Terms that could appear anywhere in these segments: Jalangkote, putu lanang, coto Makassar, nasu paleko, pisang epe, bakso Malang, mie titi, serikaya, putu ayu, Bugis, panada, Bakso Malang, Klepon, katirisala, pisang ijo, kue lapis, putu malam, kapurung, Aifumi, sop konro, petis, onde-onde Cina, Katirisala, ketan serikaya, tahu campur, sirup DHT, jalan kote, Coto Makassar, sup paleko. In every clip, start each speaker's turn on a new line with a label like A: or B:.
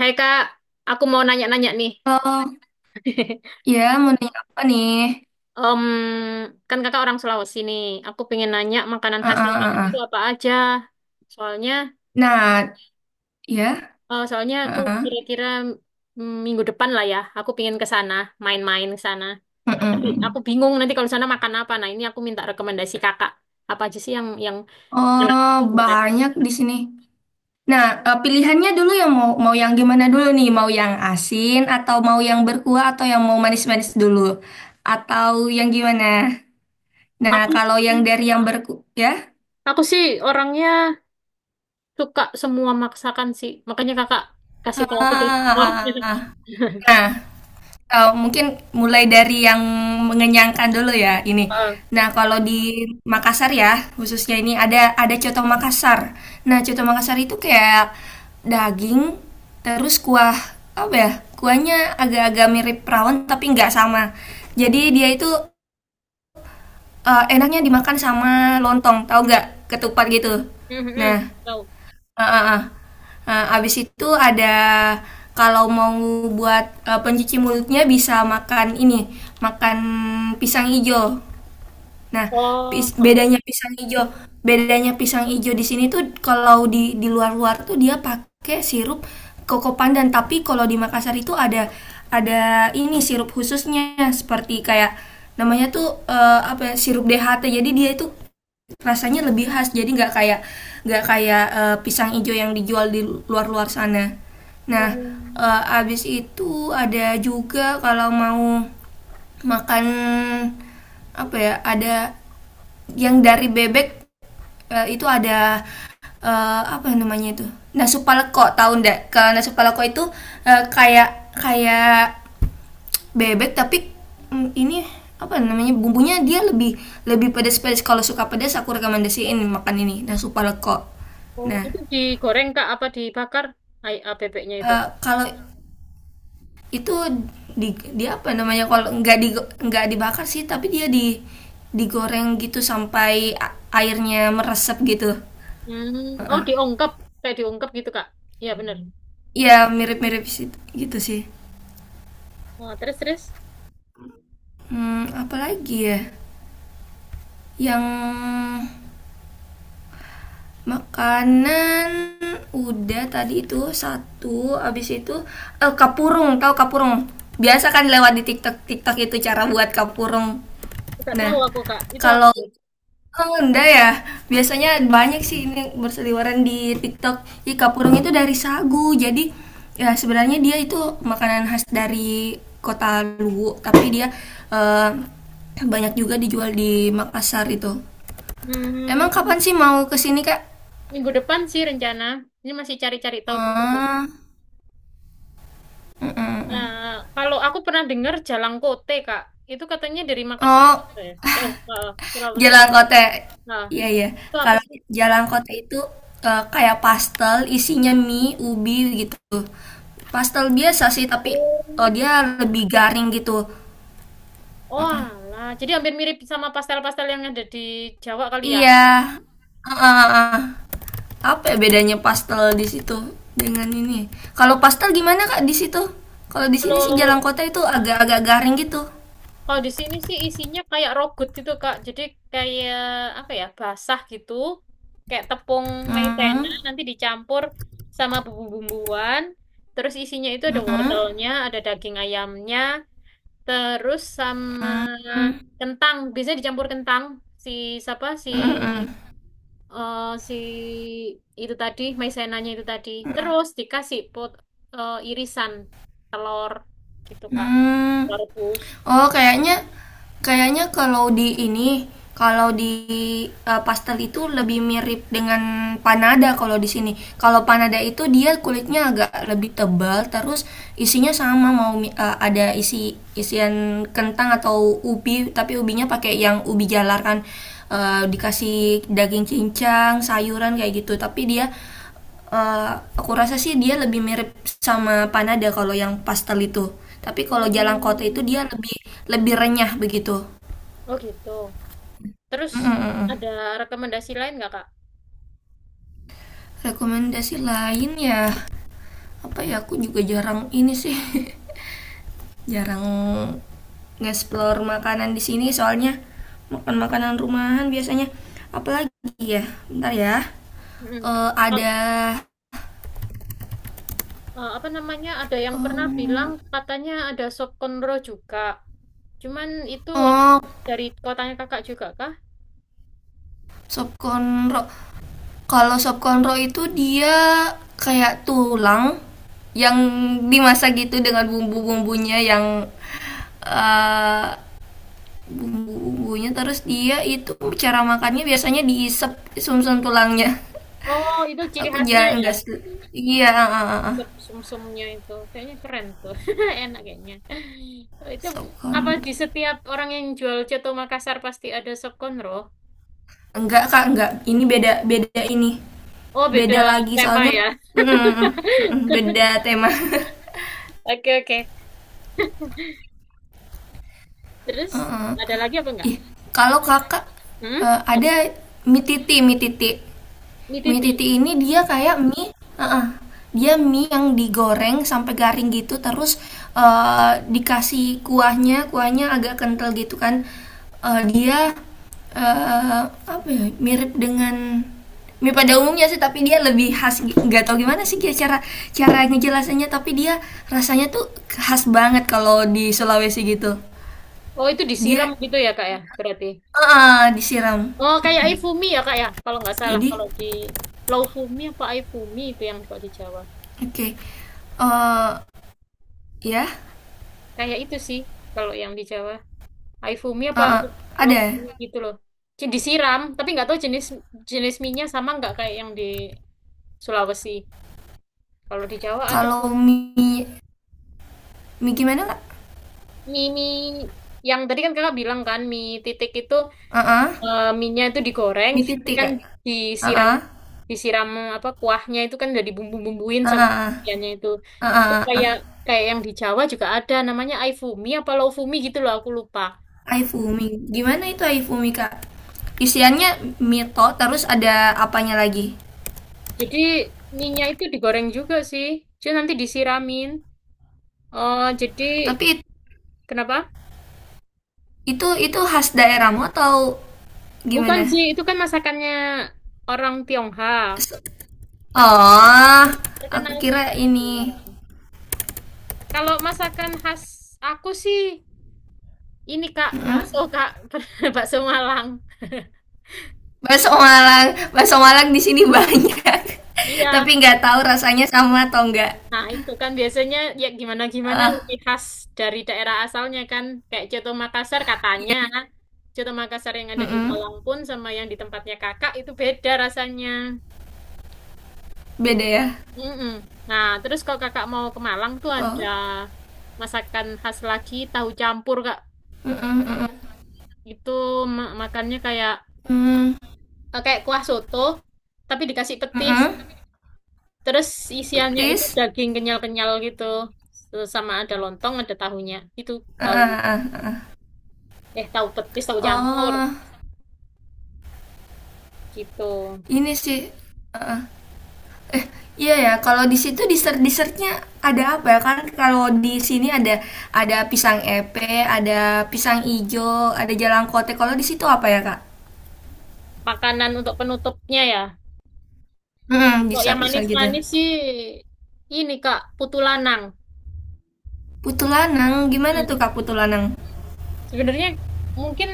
A: Hai Kak, aku mau nanya-nanya nih.
B: Oh, ya mau nanya apa nih?
A: Em, Kan Kakak orang Sulawesi nih. Aku pengen nanya makanan
B: Ah,
A: khasnya
B: ah,
A: Kakak
B: ah,
A: itu
B: ah.
A: apa aja. Soalnya,
B: Nah, ya.
A: soalnya aku
B: Ah, ah.
A: kira-kira minggu depan lah ya. Aku pengen ke sana, main-main ke sana.
B: Mm-mm,
A: Tapi aku
B: mm.
A: bingung nanti kalau sana makan apa. Nah ini aku minta rekomendasi Kakak. Apa aja sih yang enak?
B: Oh, banyak di sini. Nah, pilihannya dulu yang mau mau yang gimana dulu nih? Mau yang asin atau mau yang berkuah atau yang mau manis-manis dulu? Atau yang gimana? Nah,
A: Aku
B: kalau yang dari yang berkuah ya.
A: aku sih orangnya suka semua masakan sih. Makanya Kakak kasih
B: Ah,
A: tahu aku deh.
B: ah, ah, ah. Nah, mungkin mulai dari yang mengenyangkan dulu ya ini.
A: Heeh.
B: Nah, kalau di Makassar ya khususnya ini ada coto Makassar. Nah, coto Makassar itu kayak daging, terus kuah apa ya, kuahnya agak-agak mirip rawon tapi nggak sama. Jadi dia itu, enaknya dimakan sama lontong, tahu nggak? Ketupat gitu. Nah,
A: Mhm, tahu.
B: heeh, heeh. Nah, abis itu ada, kalau mau buat pencuci mulutnya bisa makan ini, makan pisang ijo. Nah,
A: Oh,
B: pis-
A: oh,
B: bedanya pisang ijo, bedanya pisang ijo di sini tuh kalau di luar-luar tuh dia pakai sirup koko pandan, tapi kalau di Makassar itu ada ini sirup khususnya, seperti kayak namanya tuh, apa ya, sirup DHT. Jadi dia itu rasanya lebih khas, jadi nggak kayak pisang hijau yang dijual di luar-luar sana. Nah,
A: oh,
B: abis itu ada juga, kalau mau makan apa ya, ada yang dari bebek, itu ada, apa namanya itu, nasu paleko, tahu ndak? Kalau nasu paleko itu kayak kayak bebek tapi, ini apa namanya, bumbunya dia lebih lebih pedas-pedas. Kalau suka pedas, aku rekomendasiin makan ini, nah, sup paleko.
A: oh.
B: Nah,
A: Itu digoreng Kak apa dibakar? Bebeknya itu.
B: kalau itu di, dia apa namanya, kalau nggak di, nggak dibakar sih tapi dia di, digoreng gitu sampai airnya meresap gitu.
A: Hmm, oh
B: Heeh.
A: diungkep, kayak diungkep gitu Kak. Iya bener.
B: Ya mirip-mirip si, gitu sih.
A: Oh, terus terus
B: Apalagi ya, yang makanan udah tadi itu satu, abis itu kapurung, tahu kapurung? Biasa kan lewat di TikTok, TikTok itu cara buat kapurung.
A: nggak
B: Nah,
A: tahu aku Kak. Itu apa
B: kalau,
A: tuh?
B: oh, enggak ya, biasanya banyak sih ini berseliweran di TikTok. Jadi kapurung itu dari sagu. Jadi ya sebenarnya dia itu makanan khas dari kota Luwu, tapi dia eh, banyak juga dijual di Makassar itu.
A: Hmm,
B: Emang kapan sih mau kesini, Kak?
A: minggu depan sih rencana. Ini masih cari-cari tahu dulu.
B: Ah, hmm.
A: Eh, kalau aku pernah dengar Jalangkote Kak. Itu katanya dari Makassar
B: Oh,
A: juga ya, Sulawesi.
B: jalan kote.
A: Nah,
B: Iya, iya.
A: itu apa
B: Kalau
A: sih?
B: jalan kote itu kayak pastel, isinya mie, ubi gitu. Pastel biasa sih, tapi,
A: Oh.
B: oh, dia lebih garing gitu.
A: Oh,
B: Heeh.
A: alah. Jadi hampir mirip sama pastel-pastel yang ada di Jawa kali ya.
B: Iya. Heeh, heeh. Apa ya bedanya pastel di situ dengan ini? Kalau pastel gimana Kak di situ? Kalau di sini sih
A: Kalau
B: jalan kota itu agak-agak garing gitu.
A: kalau di sini sih isinya kayak rogut gitu, Kak. Jadi kayak apa ya? Basah gitu. Kayak tepung maizena
B: Hmm.
A: nanti dicampur sama bumbu-bumbuan. Terus isinya itu ada
B: Mm-mm.
A: wortelnya, ada daging ayamnya, terus sama
B: Mm-mm.
A: kentang. Biasanya dicampur kentang si siapa si
B: Mm-mm.
A: eh, si itu tadi, maizenanya itu tadi. Terus dikasih irisan telur gitu,
B: Hmm.
A: Kak.
B: Hmm.
A: Telur rebus.
B: Oh, kayaknya kayaknya kalau di ini, kalau di pastel itu lebih mirip dengan panada kalau di sini. Kalau panada itu dia kulitnya agak lebih tebal, terus isinya sama, mau ada isi isian kentang atau ubi, tapi ubinya pakai yang ubi jalar kan. Dikasih daging cincang, sayuran kayak gitu, tapi dia, eh, aku rasa sih dia lebih mirip sama panada kalau yang pastel itu. Tapi kalau jalan kota itu
A: Hmm.
B: dia lebih lebih renyah begitu.
A: Oh gitu. Terus
B: Mm, mm, mm, mm.
A: ada rekomendasi lain nggak, Kak?
B: Rekomendasi lain ya, apa ya, aku juga jarang ini sih. Jarang nge-explore makanan di sini, soalnya makan makanan rumahan biasanya, apalagi ya. Bentar ya.
A: Mm-mm.
B: Eh,
A: Oh,
B: ada
A: eh, apa namanya? Ada yang pernah bilang
B: em,
A: katanya ada sop konro juga. Cuman itu eh,
B: oh,
A: dari kotanya kakak juga kah?
B: sop konro. Kalau sop konro itu dia kayak tulang yang dimasak gitu dengan bumbu-bumbunya yang eh, bumbu-bumbunya, terus dia itu cara makannya biasanya diisep sumsum tulangnya.
A: Oh, itu ciri
B: Aku
A: khasnya
B: ya
A: ya.
B: enggak, iya, ah, ah, ah, ah.
A: Dessert sum-sumnya itu kayaknya keren tuh. Enak kayaknya. Oh, itu
B: Sop
A: apa
B: konro.
A: di setiap orang yang jual coto Makassar pasti ada sokonro?
B: Enggak Kak, enggak. Ini beda beda ini.
A: Oh,
B: Beda
A: beda
B: lagi
A: tema
B: soalnya.
A: ya.
B: Mm, mm, mm, mm, beda tema.
A: Oke, oke. Terus
B: Heeh.
A: ada lagi apa enggak?
B: Ih, kalau kakak,
A: Hmm? Apa?
B: ada mie titi, mie titi.
A: Ini
B: Mie
A: titik.
B: titi ini dia kayak mie, heeh, dia mie yang digoreng sampai garing gitu, terus dikasih kuahnya agak kental gitu kan. Dia, eh, apa ya, mirip dengan mie pada umumnya sih, tapi dia lebih khas. Nggak tahu gimana sih dia cara cara ngejelasannya, tapi dia rasanya tuh khas banget kalau di Sulawesi gitu.
A: Oh, itu disiram
B: Dia,
A: gitu ya, Kak ya? Berarti.
B: ah, disiram.
A: Oh, kayak
B: Mhm.
A: ifumi ya, Kak ya? Kalau nggak salah,
B: Jadi,
A: kalau di laufumi apa ifumi itu yang kalau di Jawa.
B: oke. Eh, ya,
A: Kayak itu sih kalau yang di Jawa. Aifumi apa
B: ah, ah. Ada.
A: Lofumi gitu loh. Jadi disiram, tapi nggak tahu jenis jenis mie sama nggak kayak yang di Sulawesi. Kalau di Jawa ada sih.
B: Kalau mie mie gimana, Kak?
A: Mie mie yang tadi kan kakak bilang kan mie titik itu,
B: Heeh.
A: mie-nya itu digoreng,
B: Mie
A: terus nanti
B: titik,
A: kan
B: Kak?
A: disiram
B: Ah,
A: disiram apa kuahnya itu kan udah dibumbu-bumbuin sama
B: ah,
A: ikannya itu. Itu
B: ah. Heeh.
A: kayak kayak yang di Jawa juga ada namanya Aifumi apa Lofumi gitu loh aku lupa.
B: Aifumi. Gimana itu Aifumi, Kak? Isiannya mie to, terus ada apanya lagi?
A: Jadi mie-nya itu digoreng juga sih. Cuma nanti disiramin. Oh, jadi
B: Tapi
A: kenapa?
B: itu khas daerahmu atau
A: Bukan
B: gimana?
A: sih, itu kan masakannya orang Tionghoa.
B: Se-
A: Tapi
B: oh,
A: dia
B: aku
A: terkenal sih
B: kira
A: kalau di
B: ini.
A: Semarang. Kalau masakan khas aku sih ini Kak, bakso
B: Mhm.
A: Kak, bakso Malang. Ya.
B: Bakso Malang di sini banyak.
A: Iya.
B: Tapi nggak tahu rasanya sama atau enggak.
A: Nah, itu kan biasanya ya gimana-gimana lebih
B: Ah,
A: khas dari daerah asalnya kan. Kayak Coto Makassar katanya.
B: iya.
A: Coto Makassar yang ada di
B: Mm-mm.
A: Malang pun sama yang di tempatnya Kakak itu beda rasanya.
B: Beda
A: Gitu.
B: ya.
A: Mm-mm. Nah, terus kalau kakak mau ke Malang tuh ada
B: Oh.
A: masakan khas lagi, tahu campur, Kak.
B: Mm-mm, mm-mm.
A: Itu makannya kayak
B: Mm,
A: kayak kuah soto, tapi dikasih petis.
B: mm-mm.
A: Terus isiannya itu
B: Petis.
A: daging kenyal-kenyal gitu. Terus sama ada lontong, ada tahunya. Itu
B: Ah,
A: tahu
B: ah, ah, ah, ah.
A: tahu petis, tahu campur
B: Oh,
A: gitu.
B: ini sih. Iya ya, kalau di situ dessert dessertnya ada apa ya? Kan kalau di sini ada pisang epe, ada pisang ijo, ada jalan kote. Kalau di situ apa ya, Kak?
A: Makanan untuk penutupnya ya.
B: Hmm,
A: Kok yang
B: dessert dessert gitu.
A: manis-manis sih ini, Kak, putu lanang.
B: Putu lanang, gimana
A: Hmm.
B: tuh Kak Putu lanang?
A: Sebenarnya mungkin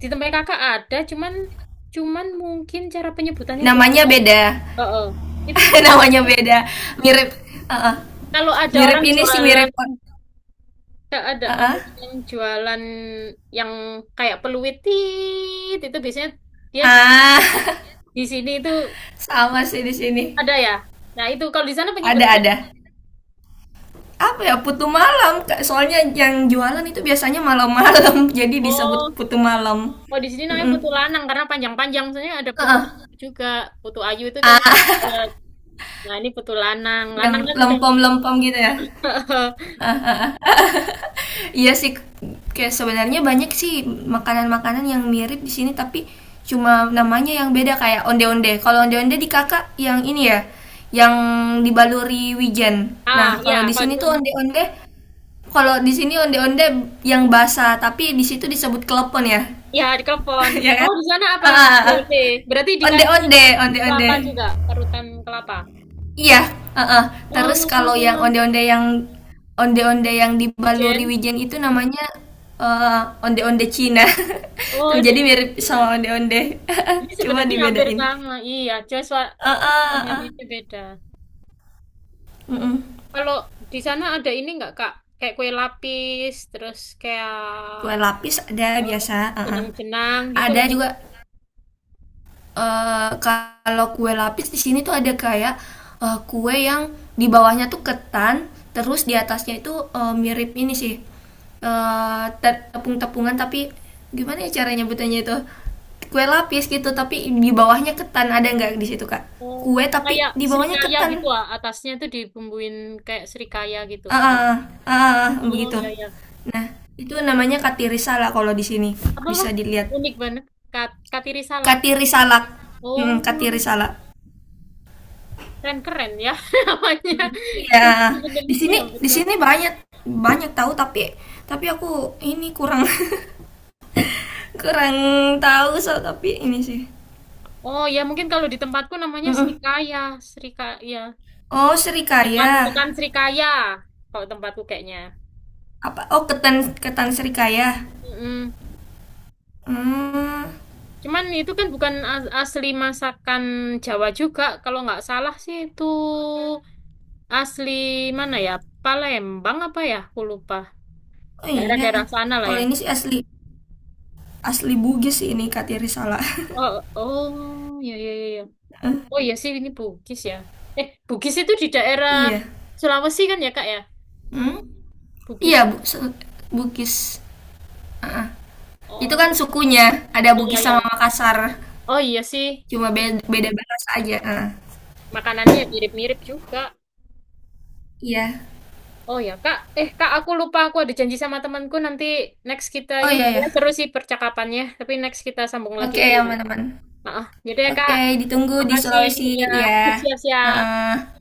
A: di tempat kakak ada, cuman cuman mungkin cara penyebutannya beda.
B: Namanya beda.
A: Oh, oh. Itu putulan.
B: Namanya beda, mirip, uh-uh.
A: Kalau ada
B: Mirip
A: orang
B: ini sih, mirip,
A: jualan, kalau ada
B: uh-uh.
A: orang yang jualan yang kayak peluit tit, itu biasanya dia
B: Ah,
A: di sini itu
B: sama sih di sini.
A: ada ya. Nah, itu kalau di sana
B: Ada
A: penyebutannya
B: apa ya, putu malam Kak. Soalnya yang jualan itu biasanya malam-malam, jadi disebut
A: oh,
B: putu malam.
A: kalau di sini namanya
B: Mm-mm.
A: putu lanang karena panjang-panjang. Misalnya ada putu
B: Uh-uh.
A: ayu juga. Putu ayu itu kan
B: Ah,
A: eh, nah ini putu lanang.
B: yang
A: Lanang kan cowok.
B: lempom-lempom gitu ya. Iya sih, kayak sebenarnya banyak sih makanan-makanan yang mirip di sini, tapi cuma namanya yang beda, kayak onde-onde. Kalau onde-onde di kakak yang ini ya, yang dibaluri wijen. Nah,
A: Ah, ya,
B: kalau di
A: kalau di
B: sini tuh
A: sana.
B: onde-onde, kalau di sini onde-onde yang basah tapi di situ disebut klepon ya,
A: Ya, di Klepon.
B: ya
A: Oh,
B: kan?
A: di sana apa?
B: Ah, ah, ah.
A: BLT. Berarti dikasih
B: Onde-onde, onde-onde.
A: kelapa juga, parutan kelapa.
B: Iya, heeh. Terus kalau yang
A: Oh,
B: onde-onde yang onde-onde yang dibaluri
A: Ijen.
B: wijen itu namanya eh, onde-onde Cina.
A: Oh,
B: Tuh jadi
A: dari
B: mirip
A: Filipina.
B: sama onde-onde.
A: Ini
B: Cuma
A: sebenarnya hampir
B: dibedain.
A: sama. Iya, Joshua
B: Heeh,
A: apa namanya
B: heeh.
A: itu beda.
B: Mm-mm.
A: Kalau di sana ada ini nggak, Kak? Kayak kue lapis, terus kayak
B: Kue lapis ada
A: eh,
B: biasa, heeh.
A: jenang-jenang gitu
B: Ada
A: atau
B: juga, kalau kue lapis di sini tuh ada kayak kue yang di bawahnya tuh ketan, terus di atasnya itu mirip ini sih, eh, tepung-tepungan tapi gimana ya cara nyebutannya itu, kue lapis gitu tapi di bawahnya ketan, ada nggak di situ, Kak?
A: oh,
B: Kue tapi
A: kayak
B: di bawahnya
A: serikaya gitu
B: ketan,
A: ah. Atasnya tuh dibumbuin kayak serikaya gitu.
B: ah, ah, ah, ah, ah, ah,
A: Oh,
B: begitu.
A: iya, iya.
B: Nah, itu namanya katirisala kalau di sini,
A: Apalah,
B: bisa dilihat
A: unik banget. Kat, Katirisala.
B: katirisala,
A: Oh,
B: katirisala.
A: keren-keren ya namanya.
B: Iya,
A: Sebenarnya
B: di
A: sih
B: sini
A: hampir
B: di
A: sama.
B: sini banyak banyak tahu, tapi aku ini kurang, kurang tahu so tapi ini sih.
A: Oh ya, mungkin kalau di tempatku namanya
B: Mm-mm.
A: Srikaya. Srikaya.
B: Oh,
A: Tekan,
B: serikaya.
A: tekan Srikaya. Kalau tempatku kayaknya.
B: Apa? Oh, ketan, ketan serikaya.
A: Mm-mm.
B: Hmm.
A: Cuman itu kan bukan asli masakan Jawa juga. Kalau nggak salah sih itu asli mana ya? Palembang apa ya? Aku lupa.
B: Oh iya.
A: Daerah-daerah sana lah
B: Kalau
A: ya.
B: ini sih asli asli Bugis sih ini Katiri salah.
A: Oh, oh, ya. Oh iya sih ini Bugis ya. Eh, Bugis itu di daerah
B: Iya.
A: Sulawesi kan ya Kak ya?
B: Hmm?
A: Bugis
B: Iya,
A: itu.
B: Bu, Bugis. Ah, itu kan
A: Oh,
B: sukunya. Ada
A: oh iya
B: Bugis
A: ya.
B: sama Makassar.
A: Oh iya sih.
B: Cuma beda, beda bahasa aja. Ah,
A: Makanannya mirip-mirip juga.
B: iya.
A: Oh ya Kak. Eh Kak aku lupa aku ada janji sama temanku nanti next kita
B: Oh
A: ini
B: iya
A: sebenarnya seru
B: ya.
A: sih percakapannya. Tapi next kita sambung lagi
B: Oke,
A: aja ya.
B: aman-aman.
A: Maaf. Jadi ya Kak.
B: Oke, ditunggu di
A: Makasih
B: Sulawesi
A: ya.
B: ya.
A: Siap-siap.
B: Heeh.